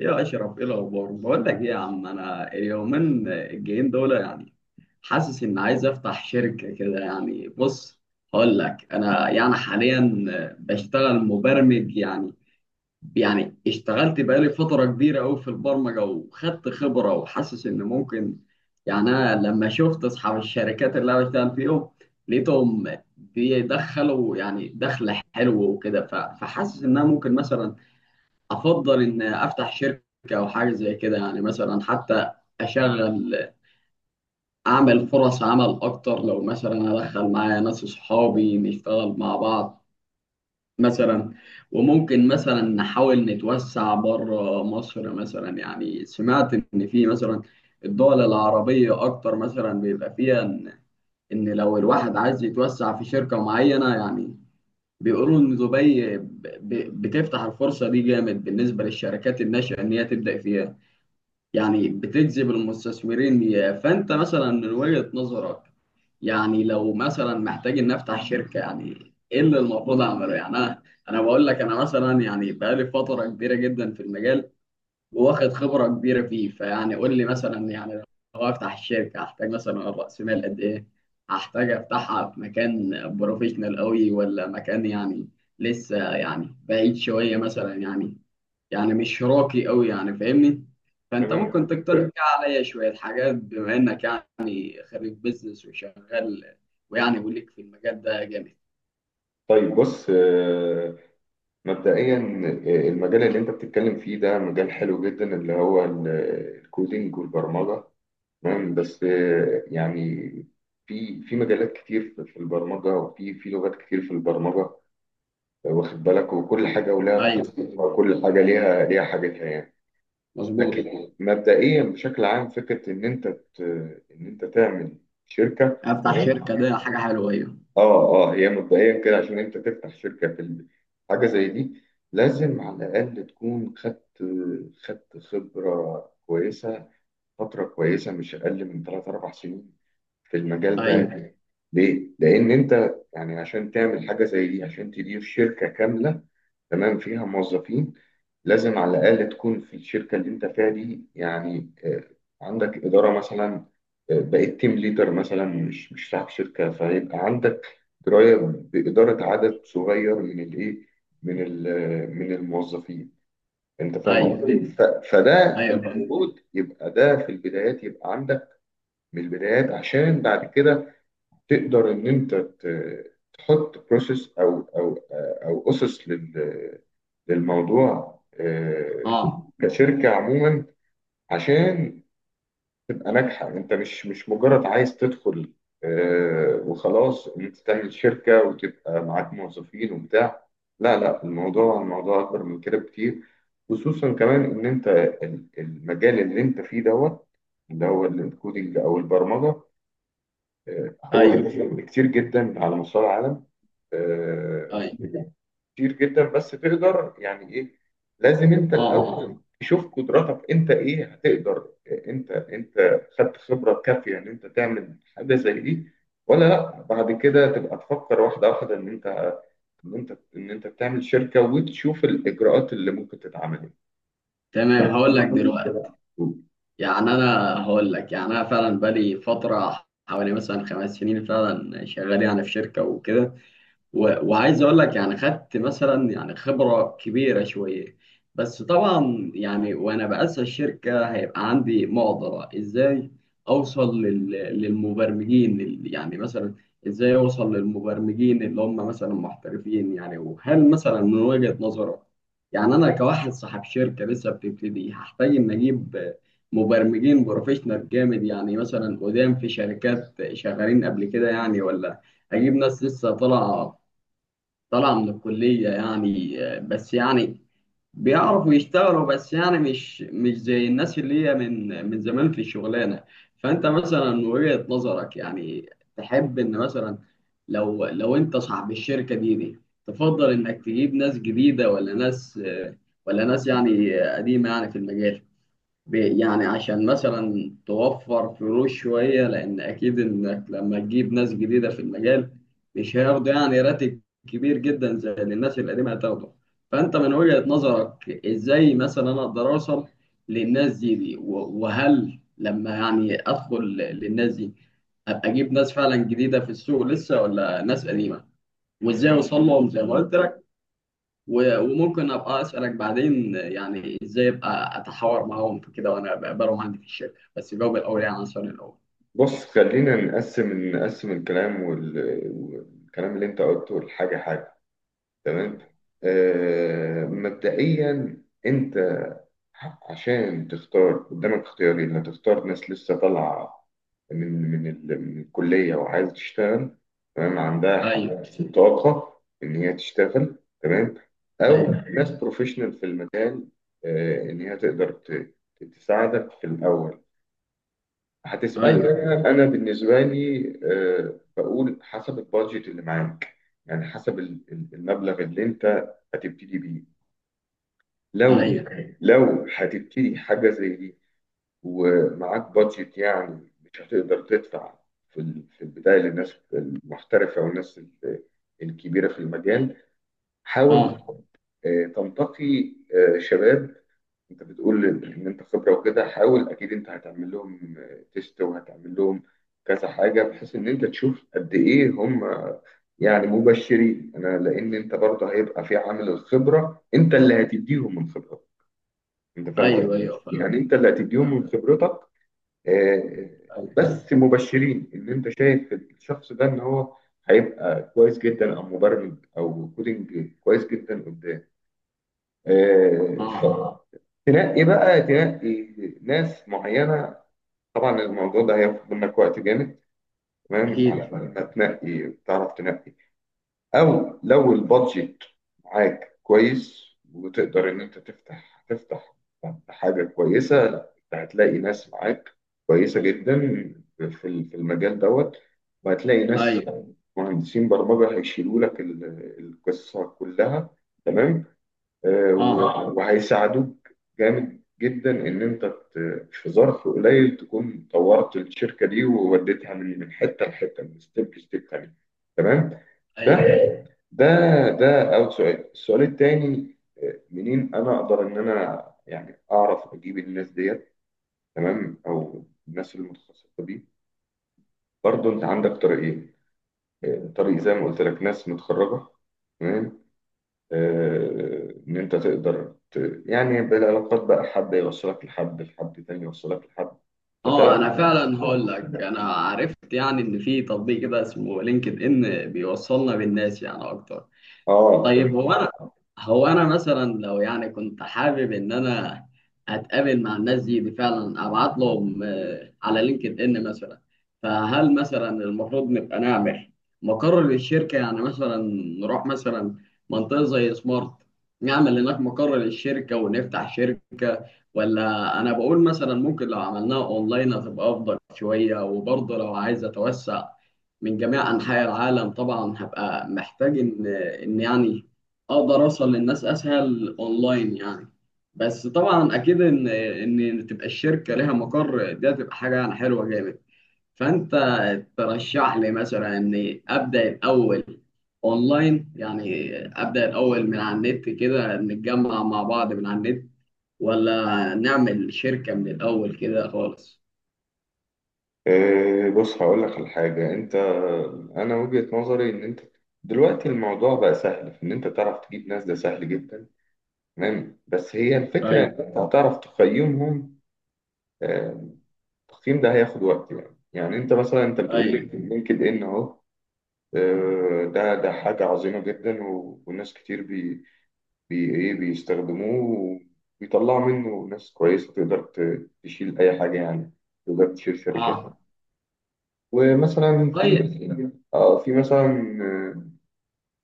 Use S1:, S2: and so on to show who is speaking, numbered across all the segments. S1: ايه يا اشرف، ايه الاخبار؟ بقول لك ايه يا عم، انا اليومين الجايين دول يعني حاسس ان عايز افتح شركه كده، يعني بص هقول لك انا يعني حاليا بشتغل مبرمج، يعني يعني اشتغلت بقالي فتره كبيره قوي في البرمجه وخدت خبره، وحاسس ان ممكن يعني انا لما شفت اصحاب الشركات اللي انا بشتغل فيهم لقيتهم بيدخلوا يعني دخل حلو وكده. ف- فحاسس ان انا ممكن مثلا افضل ان افتح شركه او حاجه زي كده، يعني مثلا حتى اشغل اعمل فرص عمل اكتر لو مثلا ادخل معايا ناس صحابي نشتغل مع بعض مثلا. وممكن مثلا نحاول نتوسع بره مصر مثلا، يعني سمعت ان في مثلا الدول العربيه اكتر مثلا بيبقى فيها ان لو الواحد عايز يتوسع في شركه معينه يعني بيقولوا ان دبي ب- ب- بتفتح الفرصه دي جامد بالنسبه للشركات الناشئه، ان هي تبدا فيها يعني بتجذب المستثمرين ليها. فانت مثلا من وجهة نظرك، يعني لو مثلا محتاج ان افتح شركه يعني ايه اللي المفروض اعمله؟ يعني انا بقول لك انا مثلا يعني بقالي فتره كبيره جدا في المجال واخد خبره كبيره فيه، فيعني قول لي مثلا يعني لو افتح الشركه هحتاج مثلا راس مال قد ايه؟ هحتاج افتحها في مكان بروفيشنال قوي ولا مكان يعني لسه يعني بعيد شويه مثلا، يعني يعني مش راقي قوي، يعني فاهمني؟ فانت
S2: تمام.
S1: ممكن تقترح كده عليا شويه حاجات بما انك يعني خريج بيزنس وشغال ويعني وليك في المجال ده جامد.
S2: طيب بص، مبدئيا المجال اللي انت بتتكلم فيه ده مجال حلو جدا، اللي هو الكودينج والبرمجة. تمام. بس يعني في مجالات كتير في البرمجة، وفي لغات كتير في البرمجة. واخد بالك، وكل حاجة ولها
S1: ايوه
S2: تخصصها، وكل حاجة ليها حاجتها يعني.
S1: مظبوط.
S2: لكن مبدئيا بشكل عام، فكرة ان ان انت تعمل شركة
S1: افتح
S2: تمام.
S1: شركه ده حاجه حلوه. ايوه،
S2: اه اه هي مبدئيا كده، عشان انت تفتح شركه في حاجه زي دي، لازم على الاقل تكون خدت خبره كويسه فترة كويسة، مش أقل من ثلاث أربع سنين في المجال ده.
S1: ايوه،
S2: ليه؟ لأن أنت يعني عشان تعمل حاجة زي دي، عشان تدير شركة كاملة تمام فيها موظفين، لازم على الأقل تكون في الشركة اللي أنت فيها دي يعني عندك إدارة مثلا. بقيت تيم ليدر مثلا، مش صاحب شركة، فيبقى عندك دراية بإدارة عدد صغير من الإيه، من من الموظفين. انت فاهم
S1: ايوه،
S2: قصدي؟ فده
S1: ايوه فاهم.
S2: المفروض يبقى ده في البدايات، يبقى عندك من البدايات، عشان بعد كده تقدر ان تحط بروسيس، او اسس للموضوع
S1: اه،
S2: كشركه عموما، عشان تبقى ناجحة. انت مش مجرد عايز تدخل وخلاص ان انت تعمل شركة وتبقى معاك موظفين وبتاع. لا لا، الموضوع اكبر من كده بكتير. خصوصا كمان ان انت المجال اللي انت فيه دوت، اللي هو الكودينج او البرمجة هو
S1: ايوه،
S2: كتير جدا على مستوى العالم آه،
S1: ايوه،
S2: كتير جدا. بس تقدر يعني ايه، لازم انت
S1: اه.
S2: الاول تشوف قدراتك انت ايه هتقدر. انت خدت خبره كافيه ان انت تعمل حاجه زي دي ولا لا؟ بعد كده تبقى تفكر واحده واحده ان انت ان انت ان انت تعمل شركه، وتشوف الاجراءات اللي ممكن تتعمل.
S1: تمام هقول لك دلوقتي، يعني انا هقول لك يعني انا فعلا بقالي فتره حوالي مثلا 5 سنين فعلا شغال يعني في شركه وكده، و- وعايز اقول لك يعني خدت مثلا يعني خبره كبيره شويه. بس طبعا يعني وانا باسس الشركه هيبقى عندي معضله: ازاي اوصل للمبرمجين يعني مثلا ازاي اوصل للمبرمجين اللي هم مثلا محترفين؟ يعني وهل مثلا من وجهه نظرك، يعني انا كواحد صاحب شركه لسه بتبتدي هحتاج ان اجيب مبرمجين بروفيشنال جامد، يعني مثلا قدام في شركات شغالين قبل كده، يعني ولا اجيب ناس لسه طالعه طلع من الكلية يعني، بس يعني بيعرفوا يشتغلوا بس يعني مش زي الناس اللي هي من زمان في الشغلانة. فأنت مثلا من وجهة نظرك، يعني تحب إن مثلا لو أنت صاحب الشركة دي تفضل إنك تجيب ناس جديدة، ولا ناس، ولا ناس يعني قديمة يعني في المجال؟ يعني عشان مثلا توفر فلوس شوية، لأن أكيد إنك لما تجيب ناس جديدة في المجال مش هياخدوا يعني راتب كبير جدا زي اللي الناس القديمة هتاخده. فأنت من وجهة نظرك إزاي مثلا أنا أقدر أوصل للناس دي، و- وهل لما يعني أدخل للناس دي أبقى أجيب ناس فعلا جديدة في السوق لسه، ولا ناس قديمة؟ وإزاي أوصل لهم زي ما قلت لك؟ و- وممكن ابقى اسالك بعدين يعني ازاي ابقى اتحاور معاهم في كده وانا بقابلهم عندي في الشركه، بس جاوب الاول يعني على السؤال الاول.
S2: بص، خلينا نقسم الكلام والكلام اللي انت قلته لحاجه حاجه. تمام. آه مبدئيا انت عشان تختار قدامك اختيارين: هتختار ناس لسه طالعه من الكليه وعايزه تشتغل، تمام، عندها
S1: ايوه،
S2: طاقه ان هي تشتغل، تمام، او
S1: ايوه،
S2: ناس بروفيشنال في المجال ان هي تقدر تساعدك في الاول. هتسألني
S1: ايوه،
S2: أنا، أنا بالنسبة لي بقول حسب البادجت اللي معاك، يعني حسب المبلغ اللي أنت هتبتدي بيه. لو
S1: ايوه،
S2: لو هتبتدي حاجة زي دي ومعاك بادجت يعني مش هتقدر تدفع في في البداية للناس المحترفة والناس الكبيرة في المجال، حاول
S1: اه،
S2: تنتقي شباب. انت بتقول ان إن انت خبره وكده، حاول اكيد انت هتعمل لهم تيست، وهتعمل لهم كذا حاجه، بحيث ان انت تشوف قد ايه هم يعني مبشرين. انا لان انت برضه هيبقى في عامل الخبره، انت اللي هتديهم من خبرتك. انت فاهم
S1: ايوه،
S2: قصدي إيه؟
S1: ايوه فعلا.
S2: يعني انت اللي هتديهم من خبرتك. آه،
S1: ايوه،
S2: بس مبشرين، ان انت شايف الشخص ده ان هو هيبقى كويس جدا، او مبرمج او كودينج كويس جدا قدام
S1: اه،
S2: فتنقي بقى، ناس معينة. طبعا الموضوع ده هياخد منك وقت جامد، تمام، على
S1: اكيد،
S2: ما تنقي تعرف تنقي. أو لو البادجت معاك كويس، وتقدر إن أنت تفتح حاجة كويسة، لا أنت هتلاقي ناس معاك كويسة جدا في في المجال دوت، وهتلاقي ناس
S1: ايوه،
S2: مهندسين برمجة هيشيلوا لك القصة كلها، تمام،
S1: اه،
S2: وهيساعدوك جامد جدا ان في ظرف قليل تكون طورت الشركه دي، ووديتها من حته لحته، من ستيب لستيب تاني، تمام. ده
S1: ايوه،
S2: ده ده اول سؤال. السؤال التاني منين انا اقدر ان انا يعني اعرف اجيب الناس ديت، تمام، او الناس المتخصصه دي؟ برضو انت عندك طريقين طريق زي ما قلت لك ناس متخرجه، تمام، ان انت تقدر ت... يعني بالعلاقات بقى، حد يوصلك لحد، تاني يوصلك لحد
S1: اه.
S2: فتعرف.
S1: انا
S2: اه،
S1: فعلا هقول لك انا عرفت يعني ان في تطبيق كده اسمه لينكد ان بيوصلنا بالناس يعني اكتر.
S2: تمام.
S1: طيب هو انا مثلا لو يعني كنت حابب ان انا اتقابل مع الناس دي فعلا ابعت لهم على لينكد ان مثلا، فهل مثلا المفروض نبقى نعمل مقر للشركه يعني مثلا نروح مثلا منطقه زي سمارت نعمل هناك مقر للشركه ونفتح شركه، ولا انا بقول مثلا ممكن لو عملناها اونلاين هتبقى افضل شويه؟ وبرضه لو عايز اتوسع من جميع انحاء العالم طبعا هبقى محتاج ان ان يعني اقدر اوصل للناس اسهل اونلاين يعني. بس طبعا اكيد ان تبقى الشركه ليها مقر دي هتبقى حاجه يعني حلوه جامد. فانت ترشح لي مثلا اني ابدا الاول اونلاين، يعني ابدا الاول من على النت كده نتجمع مع بعض من على النت، ولا نعمل شركه من الاول كده خالص؟
S2: بص، هقول لك على حاجه. انت، انا وجهه نظري ان انت دلوقتي الموضوع بقى سهل في ان انت تعرف تجيب ناس، ده سهل جدا، تمام، بس هي الفكره ان
S1: ايوه،
S2: انت هتعرف تقيمهم. آه، التقييم ده هياخد وقت. يعني يعني انت مثلا، انت بتقول لي
S1: ايوه،
S2: لينكد ان اهو، ده حاجه عظيمه جدا، وناس كتير بي ايه بيستخدموه، وبيطلعوا منه ناس كويسة تقدر تشيل أي حاجة يعني، تقدر تشيل شركات.
S1: اه.
S2: ومثلا في
S1: طيب،
S2: مثلا، اه في مثلا آه،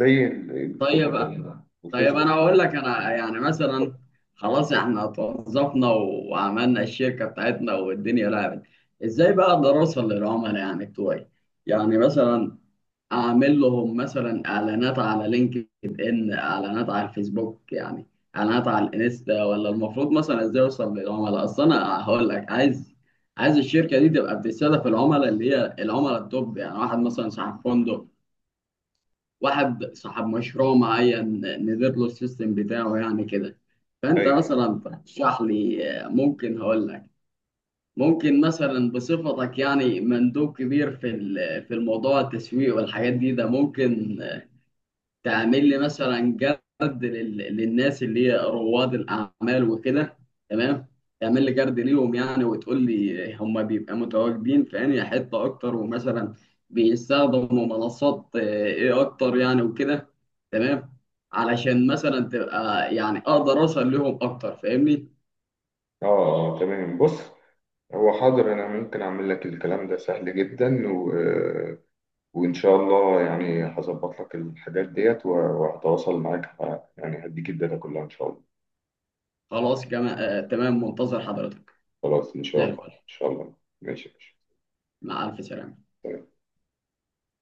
S2: زي الجروبات
S1: طيب. طيب
S2: والفيسبوك.
S1: انا هقول لك انا يعني مثلا خلاص احنا توظفنا وعملنا الشركه بتاعتنا والدنيا لعبت، ازاي بقى اقدر اوصل للعملاء يعني بتوعي؟ يعني مثلا اعمل لهم مثلا اعلانات على لينكد ان، اعلانات على الفيسبوك، يعني اعلانات على الانستا، ولا المفروض مثلا ازاي اوصل للعملاء؟ اصل انا هقول لك عايز الشركه دي تبقى بتستهدف العملاء اللي هي العملاء التوب، يعني واحد مثلا صاحب فندق، واحد صاحب مشروع معين، ندير له السيستم بتاعه يعني كده. فانت
S2: ايوه.
S1: مثلا ترشح لي، ممكن هقول لك ممكن مثلا بصفتك يعني مندوب كبير في في الموضوع التسويق والحاجات دي ده ممكن تعمل لي مثلا جرد للناس اللي هي رواد الاعمال وكده، تمام؟ تعمل لي جرد ليهم يعني وتقول لي هم بيبقى متواجدين في انهي حته اكتر، ومثلا بيستخدموا منصات ايه اكتر يعني وكده، تمام؟ علشان مثلا تبقى يعني اقدر اوصل لهم اكتر، فاهمني؟
S2: اه، تمام. بص، هو حاضر انا ممكن اعمل لك الكلام ده سهل جدا، و... آه، وان شاء الله يعني هظبط لك الحاجات ديت، وهتواصل معاك، يعني هديك الداتا كلها ان شاء الله.
S1: خلاص، كما آه تمام، منتظر حضرتك.
S2: خلاص، ان شاء
S1: زي
S2: الله، ان
S1: الفل.
S2: شاء الله. ماشي ماشي.
S1: مع الف سلامه.